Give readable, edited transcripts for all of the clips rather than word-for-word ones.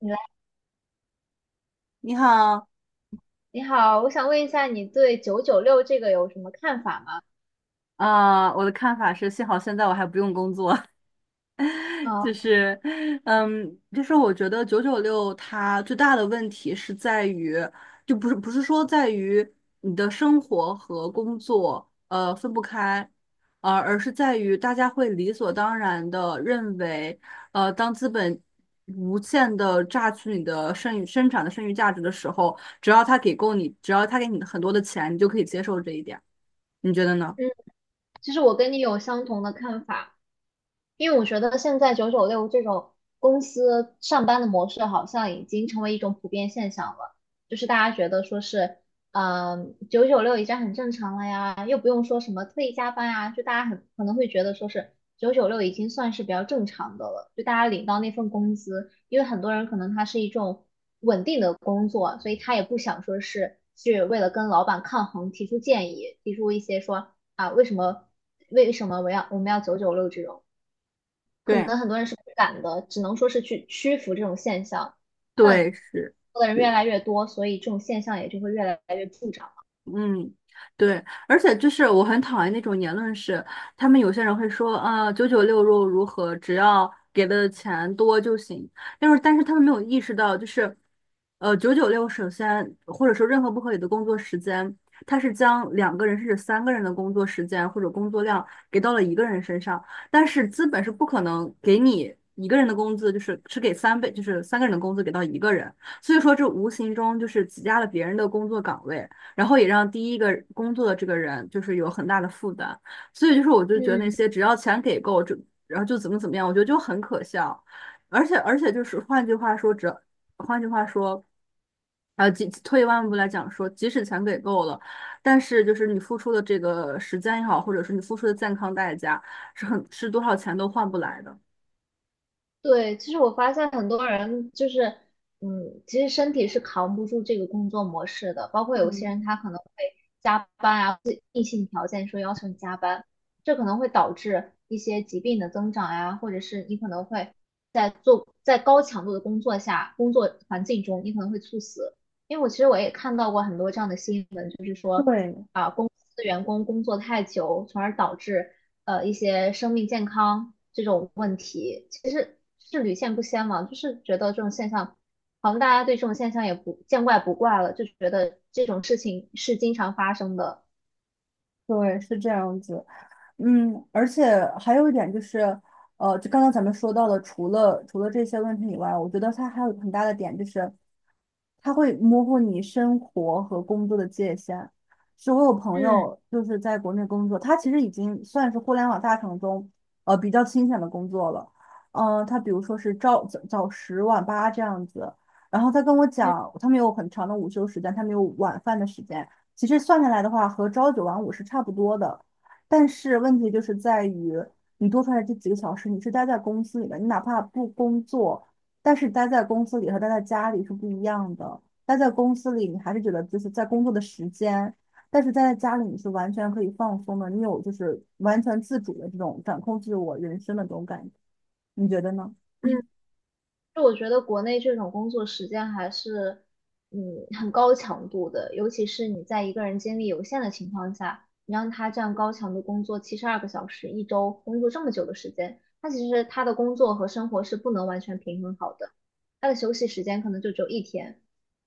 你来，你好，你好，我想问一下，你对九九六这个有什么看法吗？我的看法是，幸好现在我还不用工作，啊，就是，就是,我觉得九九六它最大的问题是在于，就不是不是说在于你的生活和工作分不开，而是在于大家会理所当然的认为，当资本无限的榨取你的剩余价值的时候，只要他给够你，只要他给你很多的钱，你就可以接受这一点，你觉得呢？嗯，其实我跟你有相同的看法，因为我觉得现在九九六这种公司上班的模式好像已经成为一种普遍现象了，就是大家觉得说是，九九六已经很正常了呀，又不用说什么特意加班啊，就大家很可能会觉得说是九九六已经算是比较正常的了，就大家领到那份工资，因为很多人可能他是一种稳定的工作，所以他也不想说是去为了跟老板抗衡提出建议，提出一些说啊为什么我们要九九六这种。可对。能很多人是不敢的，只能说是去屈服这种现象。那对，是。做的人越来越多，所以这种现象也就会越来越助长了。嗯，对，而且就是我很讨厌那种言论是，他们有些人会说，啊，九九六又如何，只要给的钱多就行。但是,他们没有意识到，就是，九九六首先或者说任何不合理的工作时间，它是将两个人甚至三个人的工作时间或者工作量给到了一个人身上，但是资本是不可能给你一个人的工资，就是只给三倍，就是三个人的工资给到一个人。所以说，这无形中就是挤压了别人的工作岗位。然后也让第一个工作的这个人就是有很大的负担，所以就是我就觉得那嗯，些只要钱给够，就然后就怎么怎么样，我觉得就很可笑，而且就是换句话说，换句话说，即退一万步来讲说，即使钱给够了，但是就是你付出的这个时间也好，或者是你付出的健康代价，是多少钱都换不来的。对，其实我发现很多人就是，其实身体是扛不住这个工作模式的，包括有些嗯，人他可能会加班啊，或者硬性条件说要求你加班，这可能会导致一些疾病的增长呀、或者是你可能会在高强度的工作下，工作环境中你可能会猝死，因为我其实我也看到过很多这样的新闻，就是说对啊，公司员工工作太久，从而导致一些生命健康这种问题，其实是屡见不鲜嘛，就是觉得这种现象，好像大家对这种现象也不见怪不怪了，就觉得这种事情是经常发生的。对，是这样子。嗯，而且还有一点就是，就刚刚咱们说到了，除了这些问题以外，我觉得它还有一个很大的点就是。它会模糊你生活和工作的界限。是我有朋嗯友就是在国内工作，他其实已经算是互联网大厂中比较清闲的工作了。他比如说是朝十晚八这样子，然后他跟我嗯讲，他们有很长的午休时间，他们有晚饭的时间。其实算下来的话，和朝九晚五是差不多的。但是问题就是在于，你多出来这几个小时，你是待在公司里的，你哪怕不工作。但是待在公司里和待在家里是不一样的。待在公司里，你还是觉得就是在工作的时间，但是待在家里，你是完全可以放松的，你有就是完全自主的这种掌控自我人生的这种感觉，你觉得呢？嗯，就我觉得国内这种工作时间还是，嗯，很高强度的，尤其是你在一个人精力有限的情况下，你让他这样高强度工作72个小时，一周工作这么久的时间，他其实他的工作和生活是不能完全平衡好的，他的休息时间可能就只有一天，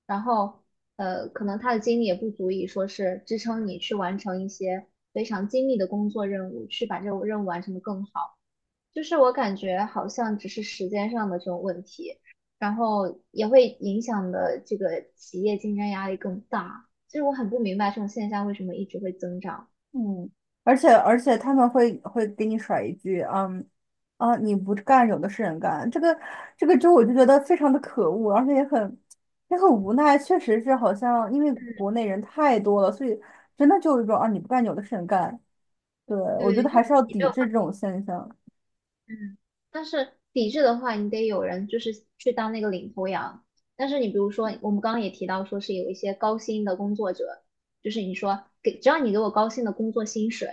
然后，可能他的精力也不足以说是支撑你去完成一些非常精密的工作任务，去把这个任务完成的更好。就是我感觉好像只是时间上的这种问题，然后也会影响的这个企业竞争压力更大。就是我很不明白这种现象为什么一直会增长。嗯，而且他们会给你甩一句，你不干，有的是人干，这个就我就觉得非常的可恶，而且也很无奈，确实是好像因为国内人太多了，所以真的就是说啊，你不干，有的是人干，对，我觉对，得还是要你没抵有制这种现象。嗯，但是抵制的话，你得有人就是去当那个领头羊。但是你比如说，我们刚刚也提到，说是有一些高薪的工作者，就是你说给只要你给我高薪的工作薪水，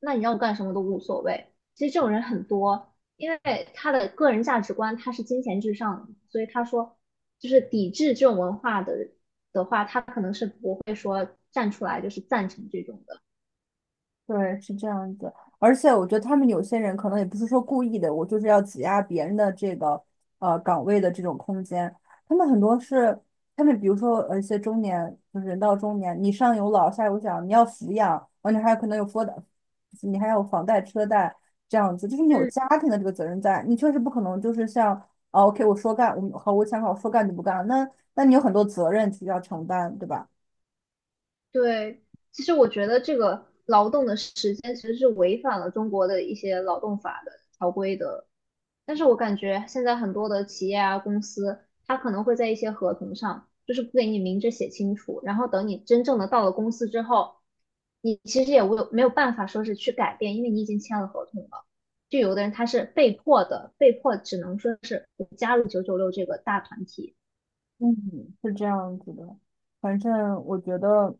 那你让我干什么都无所谓。其实这种人很多，因为他的个人价值观他是金钱至上的，所以他说就是抵制这种文化的话，他可能是不会说站出来就是赞成这种的。对，是这样子。而且我觉得他们有些人可能也不是说故意的，我就是要挤压别人的这个岗位的这种空间。他们很多是他们，比如说一些中年，就是人到中年，你上有老下有小，你要抚养，而且还有可能有房贷，你还有房贷车贷这样子，就是你有嗯。家庭的这个责任在，你确实不可能就是像啊 OK 我说干，我想好说干就不干，那那你有很多责任去要承担，对吧？对，其实我觉得这个劳动的时间其实是违反了中国的一些劳动法的条规的，但是我感觉现在很多的企业啊、公司，它可能会在一些合同上，就是不给你明着写清楚，然后等你真正的到了公司之后，你其实也无没有办法说是去改变，因为你已经签了合同了。就有的人他是被迫的，被迫只能说是我加入九九六这个大团体。嗯，是这样子的。反正我觉得，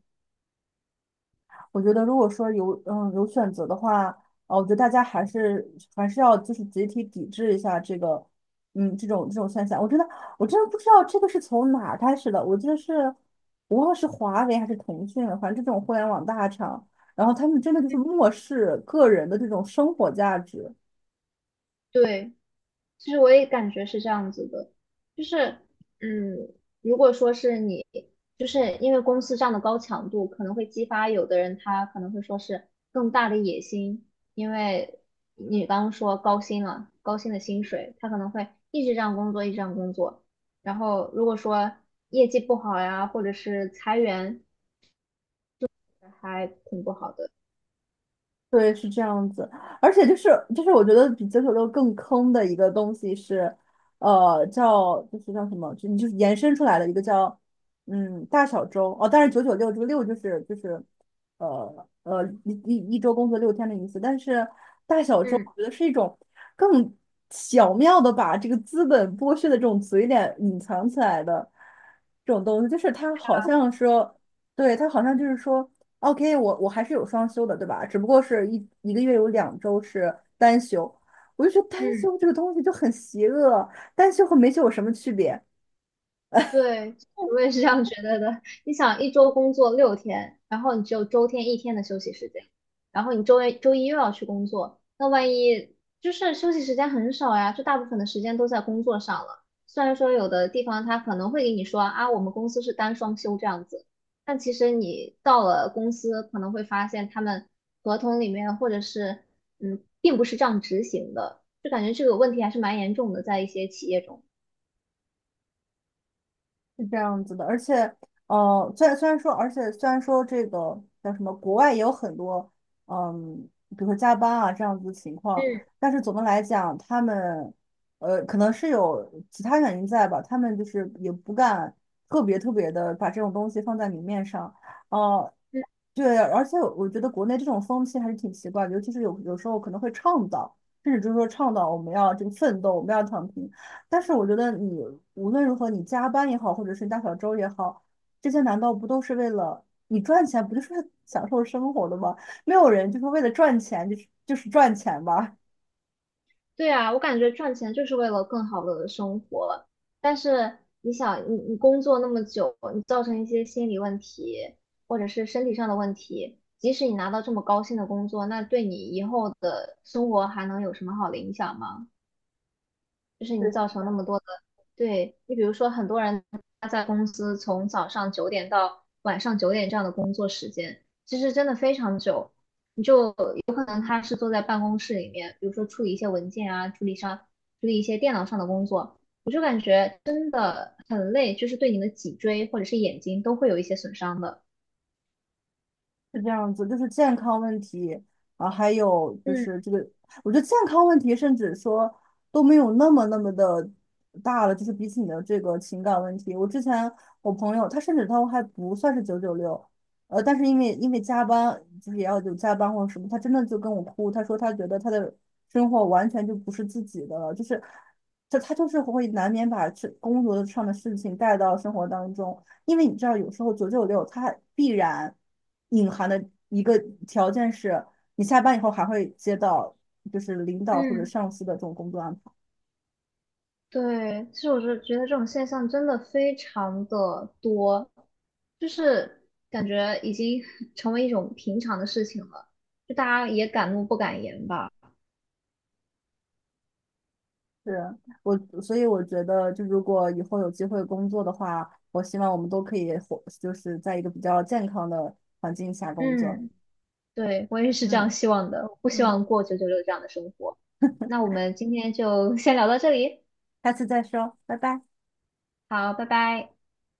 我觉得如果说有有选择的话，啊，我觉得大家还是要就是集体抵制一下这个，嗯，这种现象。我真的我真的不知道这个是从哪儿开始的。我记得是，无论是华为还是腾讯了反正这种互联网大厂，然后他们真的就是漠视个人的这种生活价值。对，其实我也感觉是这样子的，就是，嗯，如果说是你，就是因为公司这样的高强度，可能会激发有的人他可能会说是更大的野心，因为你刚刚说高薪了，高薪的薪水，他可能会一直这样工作，一直这样工作，然后如果说业绩不好呀，或者是裁员，还挺不好的。对，是这样子，而且,我觉得比九九六更坑的一个东西是，叫就是叫什么，就你就是延伸出来的一个叫大小周哦，但是九九六这个六就是一周工作六天的意思，但是大小周嗯我觉得是一种更巧妙的把这个资本剥削的这种嘴脸隐藏起来的这种东西，就是它好像说。对，他好像就是说，OK，我还是有双休的，对吧？只不过是一个月有两周是单休，我就觉得单嗯。休这个东西就很邪恶，单休和没休有什么区别？对，我也是这样觉得的。你想，一周工作6天，然后你只有周天一天的休息时间，然后你周一又要去工作，那万一就是休息时间很少呀，就大部分的时间都在工作上了。虽然说有的地方他可能会给你说啊，我们公司是单双休这样子，但其实你到了公司可能会发现他们合同里面或者是并不是这样执行的，就感觉这个问题还是蛮严重的，在一些企业中。是这样子的，而且，虽然说这个叫什么，国外也有很多，嗯，比如说加班啊这样子的情况，嗯但是总的来讲，他们，可能是有其他原因在吧，他们就是也不敢特别的把这种东西放在明面上，呃，对，而且我觉得国内这种风气还是挺奇怪的，尤其是有时候可能会倡导，甚至就是说倡导我们要这个奋斗，我们要躺平。但是我觉得你无论如何，你加班也好，或者是大小周也好，这些难道不都是为了你赚钱，不就是为了享受生活的吗？没有人就是为了赚钱，就是赚钱吧。对啊，我感觉赚钱就是为了更好的生活，但是你想，你工作那么久，你造成一些心理问题或者是身体上的问题，即使你拿到这么高薪的工作，那对你以后的生活还能有什么好的影响吗？就是 你对，是造这成那样么多的，对，你比如说很多人他在公司从早上9点到晚上9点这样的工作时间，其实真的非常久，你就能他是坐在办公室里面，比如说处理一些文件啊，处理一些电脑上的工作，我就感觉真的很累，就是对你的脊椎或者是眼睛都会有一些损伤的。是这样子，就是健康问题，啊，还有就嗯是这个，我觉得健康问题甚至说都没有那么的大了，就是比起你的这个情感问题，我之前我朋友他甚至他还不算是九九六，但是因为加班，就是也要有加班或者什么，他真的就跟我哭，他说他觉得他的生活完全就不是自己的了，就是他就是会难免把这工作上的事情带到生活当中。因为你知道，有时候九九六它必然隐含的一个条件是，你下班以后还会接到就是领导或者嗯，上司的这种工作安排。对，其实我是觉得这种现象真的非常的多，就是感觉已经 成为一种平常的事情了，就大家也敢怒不敢言吧。是我，所以我觉得，就如果以后有机会工作的话，我希望我们都可以活，就是在一个比较健康的环境下工作。嗯。对，我也是这样嗯希望的，不希嗯，望过九九六这样的生活。那我们今天就先聊到这里，下次再说，拜拜。好，拜拜。